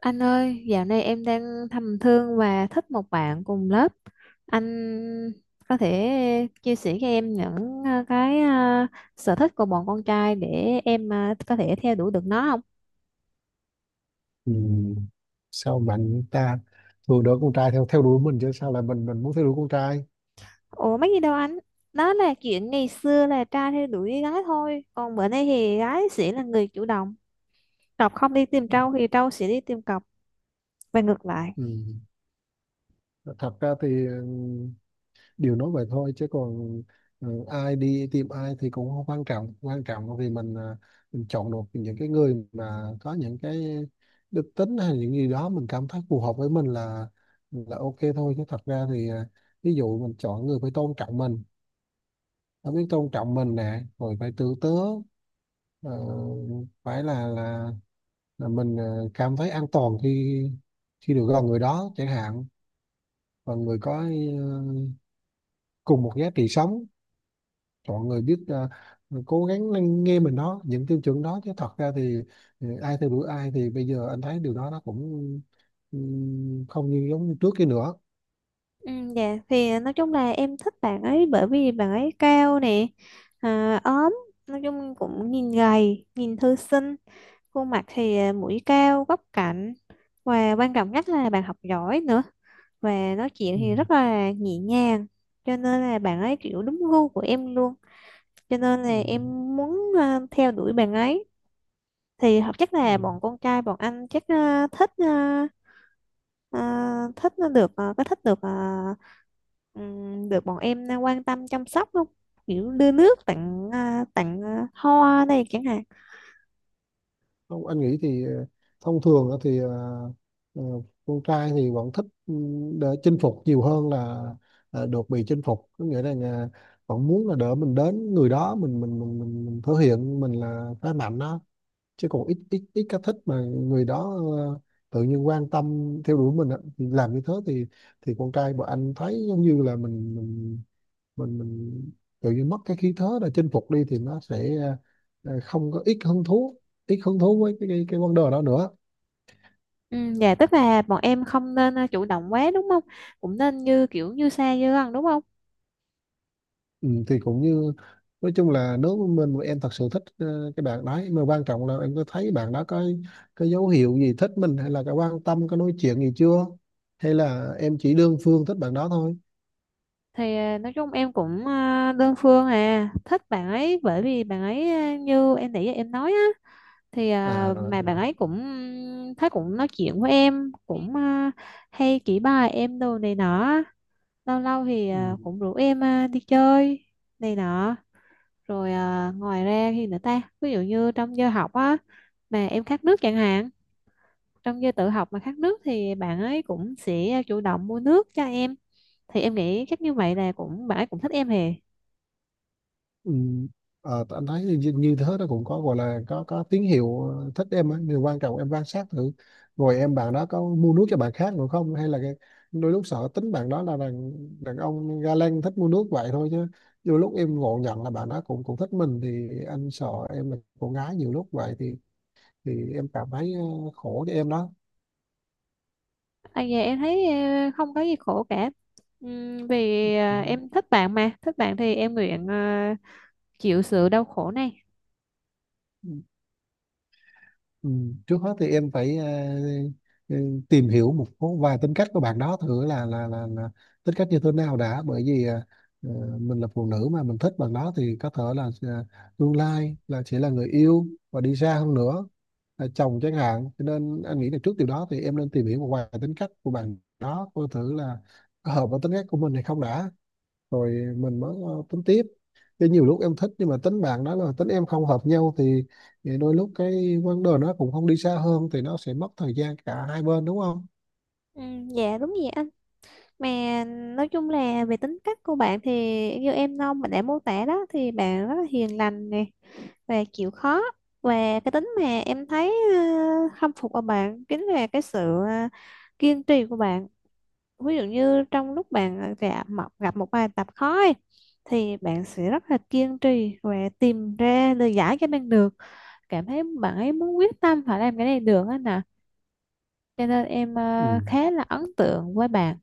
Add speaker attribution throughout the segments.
Speaker 1: Anh ơi, dạo này em đang thầm thương và thích một bạn cùng lớp. Anh có thể chia sẻ cho em những sở thích của bọn con trai để em có thể theo đuổi được nó không?
Speaker 2: Ừ. Sao bạn ta thường đỡ con trai theo theo đuổi mình chứ sao lại mình muốn theo đuổi con trai.
Speaker 1: Ủa mấy gì đâu anh? Đó là chuyện ngày xưa là trai theo đuổi gái thôi. Còn bữa nay thì gái sẽ là người chủ động. Cọc không đi tìm trâu thì trâu sẽ đi tìm cọc và ngược lại.
Speaker 2: Ừ. Thật ra thì điều nói vậy thôi chứ còn ai đi tìm ai thì cũng không quan trọng vì mình chọn được những cái người mà có những cái đức tính hay những gì đó mình cảm thấy phù hợp với mình là ok thôi, chứ thật ra thì ví dụ mình chọn người phải tôn trọng mình, phải biết tôn trọng mình nè, rồi phải tử tế, ờ, phải là mình cảm thấy an toàn khi khi được gần người đó chẳng hạn, và người có ờ, cùng một giá trị sống, mọi người biết cố gắng lắng nghe mình đó, những tiêu chuẩn đó. Chứ thật ra thì ai theo đuổi ai thì bây giờ anh thấy điều đó nó cũng ừ, không như giống như trước kia nữa.
Speaker 1: Ừ, dạ thì nói chung là em thích bạn ấy bởi vì bạn ấy cao nè, à, ốm, nói chung cũng nhìn gầy nhìn thư sinh. Khuôn mặt thì mũi cao góc cạnh, và quan trọng nhất là bạn học giỏi nữa, và nói chuyện
Speaker 2: Ừ.
Speaker 1: thì rất là nhẹ nhàng, cho nên là bạn ấy kiểu đúng gu của em luôn, cho nên là
Speaker 2: Ừ.
Speaker 1: em muốn theo đuổi bạn ấy. Thì chắc
Speaker 2: Ừ.
Speaker 1: là bọn con trai bọn anh chắc ờ, thích ờ, ờ, thích nó được ờ, có thích được ờ, được bọn em quan tâm chăm sóc không, kiểu đưa nước tặng tặng hoa này chẳng hạn.
Speaker 2: Không, anh nghĩ thì thông thường á thì ờ, con trai thì vẫn thích để chinh phục nhiều hơn là được bị chinh phục, có nghĩa là vẫn muốn là đỡ mình đến người đó, mình thể hiện mình là phái mạnh đó. Chứ còn ít ít ít cái thích mà người đó tự nhiên quan tâm theo đuổi mình á, thì làm như thế thì con trai bọn anh thấy giống như là mình tự nhiên mất cái khí thế là chinh phục đi, thì nó sẽ không có ít hứng thú với cái vấn đề đó nữa.
Speaker 1: Ừ, dạ tức là bọn em không nên chủ động quá đúng không, cũng nên như kiểu như xa như gần đúng không.
Speaker 2: Ừ, thì cũng như nói chung là, nếu mà mình mà em thật sự thích cái bạn đấy, mà quan trọng là em có thấy bạn đó có cái dấu hiệu gì thích mình, hay là cái quan tâm có nói chuyện gì chưa, hay là em chỉ đơn phương thích bạn đó thôi.
Speaker 1: Thì nói chung em cũng đơn phương à thích bạn ấy bởi vì bạn ấy như em nãy giờ em nói á. Thì
Speaker 2: À, rồi
Speaker 1: mà bạn
Speaker 2: rồi.
Speaker 1: ấy cũng thấy, cũng nói chuyện với em cũng hay chỉ bài em đồ này nọ. Lâu lâu thì
Speaker 2: Ừ.
Speaker 1: cũng rủ em đi chơi này nọ. Rồi ngoài ra thì nữa ta, ví dụ như trong giờ học á, mà em khát nước chẳng hạn, trong giờ tự học mà khát nước thì bạn ấy cũng sẽ chủ động mua nước cho em. Thì em nghĩ chắc như vậy là cũng bạn ấy cũng thích em hề.
Speaker 2: Ừ. Anh thấy như thế nó cũng có gọi là có tín hiệu thích em á, nhưng quan trọng em quan sát thử rồi, em bạn đó có mua nước cho bạn khác nữa không, hay là cái, đôi lúc sợ tính bạn đó là đàn đàn ông ga lăng, thích mua nước vậy thôi, chứ đôi lúc em ngộ nhận là bạn đó cũng cũng thích mình, thì anh sợ em là cô gái nhiều lúc vậy thì em cảm thấy khổ cho em đó.
Speaker 1: À, dạ em thấy không có gì khổ cả. Vì
Speaker 2: Ừ.
Speaker 1: em thích bạn mà thích bạn thì em nguyện chịu sự đau khổ này.
Speaker 2: Ừ, trước hết thì em phải ờ, tìm hiểu một số vài tính cách của bạn đó thử là là tính cách như thế nào đã, bởi vì ờ, mình là phụ nữ mà mình thích bạn đó, thì có thể là tương lai là sẽ là người yêu, và đi xa hơn nữa là chồng chẳng hạn, cho nên anh nghĩ là trước điều đó thì em nên tìm hiểu một vài tính cách của bạn đó, coi thử là có hợp với tính cách của mình hay không đã, rồi mình mới tính tiếp. Chứ nhiều lúc em thích nhưng mà tính bạn đó là tính em không hợp nhau thì đôi lúc cái vấn đề nó cũng không đi xa hơn, thì nó sẽ mất thời gian cả hai bên đúng không.
Speaker 1: Ừ, dạ đúng vậy anh, mà nói chung là về tính cách của bạn thì như em Nông mình đã mô tả đó, thì bạn rất là hiền lành nè, và chịu khó, và cái tính mà em thấy khâm phục ở bạn chính là cái sự ờ, kiên trì của bạn. Ví dụ như trong lúc bạn gặp một bài tập khó ấy, thì bạn sẽ rất là kiên trì và tìm ra lời giải cho bạn được, cảm thấy bạn ấy muốn quyết tâm phải làm cái này được á nè, cho nên em
Speaker 2: Ừ.
Speaker 1: khá là ấn tượng với bạn.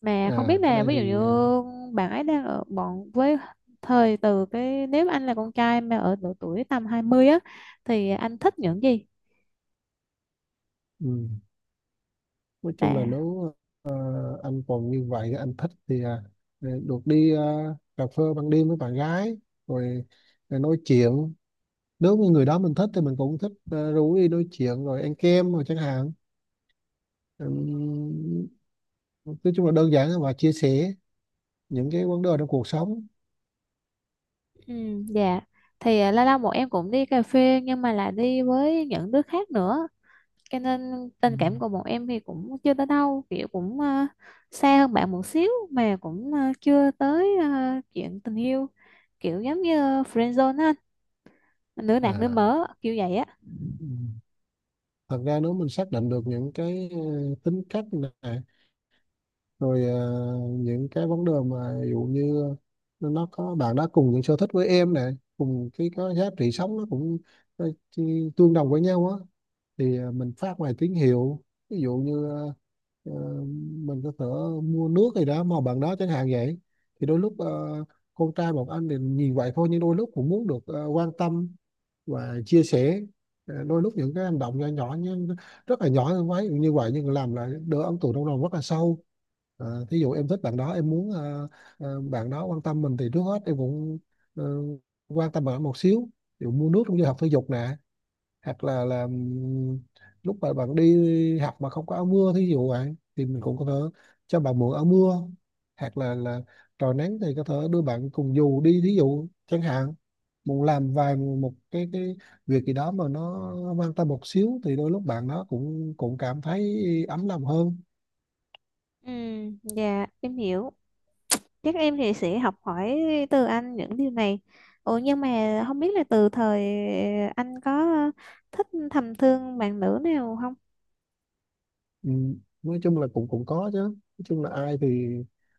Speaker 1: Mà không
Speaker 2: À,
Speaker 1: biết
Speaker 2: cái
Speaker 1: là
Speaker 2: đây
Speaker 1: ví
Speaker 2: thì
Speaker 1: dụ như bạn ấy đang ở bọn với thời từ cái, nếu mà anh là con trai mà ở độ tuổi tầm 20 á, thì anh thích những gì
Speaker 2: ừ, nói chung là
Speaker 1: là.
Speaker 2: nếu ờ, anh còn như vậy, anh thích thì được đi cà phê ban đêm với bạn gái, rồi, rồi nói chuyện. Nếu như người đó mình thích thì mình cũng thích rủ đi nói chuyện rồi ăn kem rồi chẳng hạn. Ừm, nói chung là đơn giản và chia sẻ những cái vấn đề trong cuộc sống.
Speaker 1: Ừ, dạ thì lâu lâu bọn em cũng đi cà phê nhưng mà là đi với những đứa khác nữa, cho nên
Speaker 2: Ừ.
Speaker 1: tình cảm của bọn em thì cũng chưa tới đâu, kiểu cũng xa hơn bạn một xíu mà cũng chưa tới chuyện tình yêu, kiểu giống như friend zone á, anh, nữ nạc nữ
Speaker 2: À.
Speaker 1: mỡ kiểu vậy á.
Speaker 2: Ừ. Thật ra nếu mình xác định được những cái tính cách này rồi, những cái vấn đề mà ví dụ như nó có, bạn đã cùng những sở thích với em này, cùng cái có giá trị sống nó cũng tương đồng với nhau á, thì mình phát ngoài tín hiệu, ví dụ như ờ, mình có thể mua nước gì đó mà bạn đó chẳng hạn vậy, thì đôi lúc con trai một anh thì nhìn vậy thôi, nhưng đôi lúc cũng muốn được quan tâm và chia sẻ. Đôi lúc những cái hành động nhỏ nhỏ, nhưng rất là nhỏ thôi, ví như vậy nhưng làm lại đỡ ấn tượng trong lòng rất là sâu. Thí dụ em thích bạn đó, em muốn bạn đó quan tâm mình, thì trước hết em cũng ờ, quan tâm bạn đó một xíu. Ví dụ mua nước trong giờ học thể dục nè, hoặc là lúc mà bạn đi học mà không có áo mưa, thí dụ vậy thì mình cũng có thể cho bạn mượn áo mưa, hoặc là trời nắng thì có thể đưa bạn cùng dù đi, thí dụ chẳng hạn. Muốn làm vài một cái việc gì đó mà nó mang tâm một xíu, thì đôi lúc bạn nó cũng cũng cảm thấy ấm lòng hơn.
Speaker 1: Ừ, dạ em hiểu, chắc em thì sẽ học hỏi từ anh những điều này. Ủa nhưng mà không biết là từ thời anh có thích thầm thương bạn nữ nào không.
Speaker 2: Ừ, nói chung là cũng cũng có chứ, nói chung là ai thì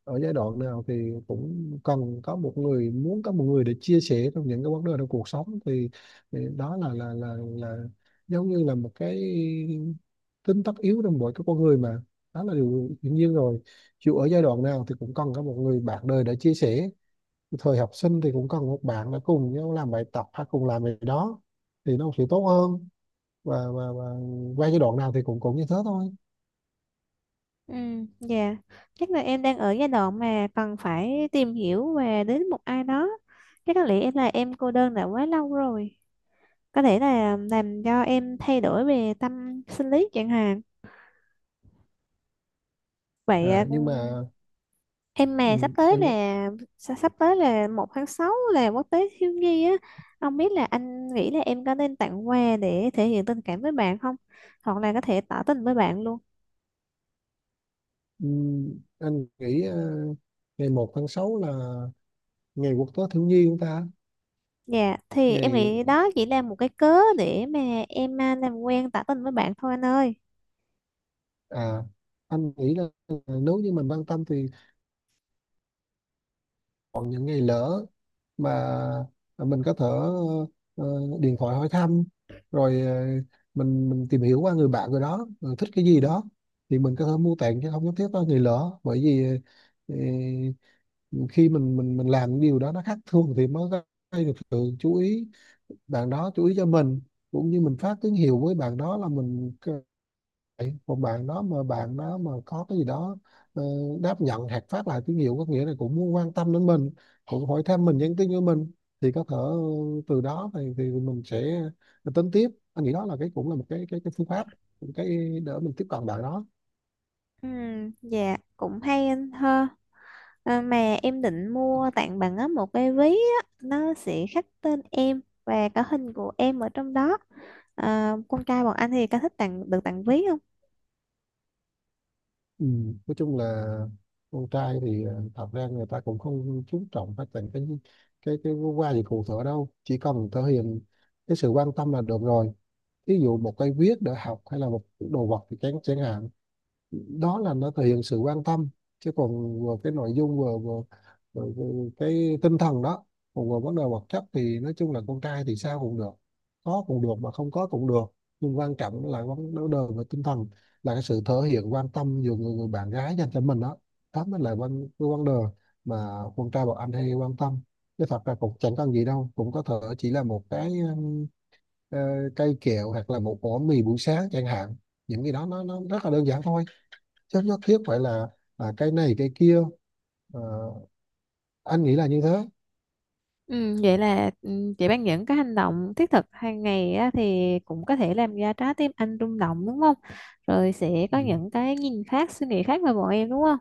Speaker 2: ở giai đoạn nào thì cũng cần có một người, muốn có một người để chia sẻ trong những cái vấn đề trong cuộc sống, thì đó là giống như là một cái tính tất yếu trong mỗi cái con người mà, đó là điều hiển nhiên rồi. Chịu ở giai đoạn nào thì cũng cần có một người bạn đời để chia sẻ, thời học sinh thì cũng cần một bạn để cùng nhau làm bài tập hay cùng làm gì đó thì nó sẽ tốt hơn, và và qua giai đoạn nào thì cũng cũng như thế thôi.
Speaker 1: Ừ, dạ chắc là em đang ở giai đoạn mà cần phải tìm hiểu và đến một ai đó, chắc có lẽ em là em cô đơn đã quá lâu rồi, có thể là làm cho em thay đổi về tâm sinh lý chẳng hạn. Vậy
Speaker 2: À, nhưng mà.
Speaker 1: em
Speaker 2: Ừ,
Speaker 1: mà sắp tới
Speaker 2: em nói-
Speaker 1: là sắp sắp tới là 1 tháng 6 là quốc tế thiếu nhi á. Ông biết là anh nghĩ là em có nên tặng quà để thể hiện tình cảm với bạn không? Hoặc là có thể tỏ tình với bạn luôn.
Speaker 2: ừ, anh nghĩ ngày 1 tháng 6 là ngày quốc tế thiếu nhi của ta.
Speaker 1: Dạ, thì em
Speaker 2: Ngày
Speaker 1: nghĩ đó chỉ là một cái cớ để mà em làm quen tỏ tình với bạn thôi anh ơi.
Speaker 2: à Anh nghĩ là nếu như mình quan tâm thì còn những ngày lỡ mà mình có thể ờ, điện thoại hỏi thăm, rồi mình tìm hiểu qua người bạn rồi đó, rồi thích cái gì đó thì mình có thể mua tặng, chứ không nhất thiết có ngày lỡ. Bởi vì ờ, khi mình làm điều đó nó khác thường thì mới gây được sự chú ý, bạn đó chú ý cho mình, cũng như mình phát tín hiệu với bạn đó là còn bạn đó mà có cái gì đó ờ, đáp nhận hoặc phát lại tín hiệu, có nghĩa là cũng muốn quan tâm đến mình, cũng hỏi thăm mình, nhắn tin cho mình, thì có thể từ đó thì mình sẽ tính tiếp. Anh nghĩ đó là cái, cũng là một cái phương pháp, một cái để mình tiếp cận bạn đó.
Speaker 1: Ừ, dạ, cũng hay anh ha. À, mà em định mua tặng bạn á một cái ví á, nó sẽ khắc tên em và cả hình của em ở trong đó. À, con trai bọn anh thì có thích tặng được tặng ví không?
Speaker 2: Ừ. Nói chung là con trai thì thật ra người ta cũng không chú trọng phát triển cái qua gì cụ thể đâu, chỉ cần thể hiện cái sự quan tâm là được rồi. Ví dụ một cây viết để học, hay là một đồ vật thì chẳng chẳng hạn, đó là nó thể hiện sự quan tâm, chứ còn vừa cái nội dung, vừa cái tinh thần đó. Còn vừa vấn đề vật chất thì nói chung là con trai thì sao cũng được, có cũng được mà không có cũng được, nhưng quan trọng là vấn vấn đề về tinh thần, là cái sự thể hiện quan tâm giữa người bạn gái dành cho mình đó, đó mới là cái vấn đề mà con trai bọn anh hay quan tâm. Chứ thật ra cũng chẳng cần gì đâu, cũng có thể chỉ là một cái ờ, cây kẹo, hoặc là một ổ mì buổi sáng chẳng hạn, những cái đó nó rất là đơn giản thôi, chất nhất thiết phải là cái này cái kia. à, anh nghĩ là như thế.
Speaker 1: Ừ, vậy là ừ, chị Ban những cái hành động thiết thực hàng ngày á, thì cũng có thể làm ra trái tim anh rung động đúng không? Rồi sẽ có
Speaker 2: Ừ.
Speaker 1: những cái nhìn khác, suy nghĩ khác về bọn em đúng không?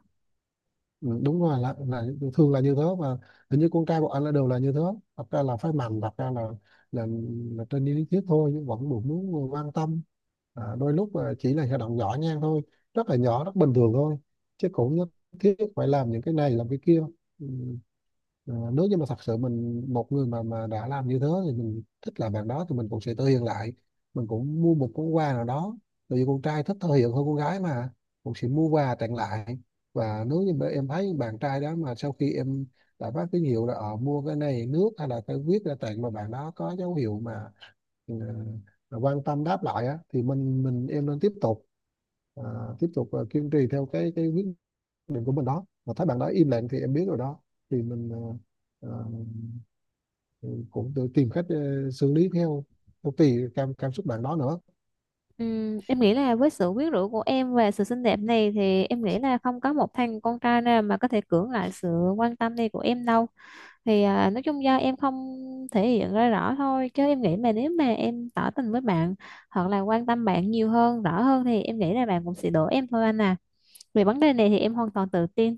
Speaker 2: Ừ, đúng rồi, là thường là như thế. Và hình như con trai bọn anh là đều là như thế, thật ra là phải mạnh, thật ra là là, là, trên lý thuyết thôi nhưng vẫn được muốn quan tâm. Đôi lúc chỉ là hành động nhỏ nhen thôi, rất là nhỏ, rất bình thường thôi, chứ cũng nhất thiết phải làm những cái này làm cái kia. Ừ. Nếu như mà thật sự mình một người mà đã làm như thế, thì mình thích làm bạn đó thì mình cũng sẽ thể hiện lại, mình cũng mua một món quà nào đó, tại vì con trai thích thể hiện hơn con gái mà, cũng sẽ mua quà tặng lại. Và nếu như mà em thấy bạn trai đó, mà sau khi em đã phát tín hiệu là mua cái này nước, hay là cái viết ra tặng, mà bạn đó có dấu hiệu mà ừ, mà quan tâm đáp lại á, thì mình em nên tiếp tục, à, tiếp tục kiên trì theo cái quyết định của mình đó. Mà thấy bạn đó im lặng thì em biết rồi đó, thì mình à, à, cũng tự tìm cách xử lý theo theo tùy cảm cảm xúc bạn đó nữa.
Speaker 1: Ừ, em nghĩ là với sự quyến rũ của em và sự xinh đẹp này thì em nghĩ là không có một thằng con trai nào mà có thể cưỡng lại sự quan tâm này của em đâu. Thì nói chung do em không thể hiện ra rõ thôi, chứ em nghĩ mà nếu mà em tỏ tình với bạn hoặc là quan tâm bạn nhiều hơn, rõ hơn thì em nghĩ là bạn cũng sẽ đổ em thôi anh à. Về vấn đề này thì em hoàn toàn tự tin.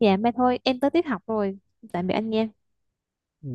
Speaker 1: Dạ mai thôi em tới tiết học rồi, tạm biệt anh nha.
Speaker 2: Ừ.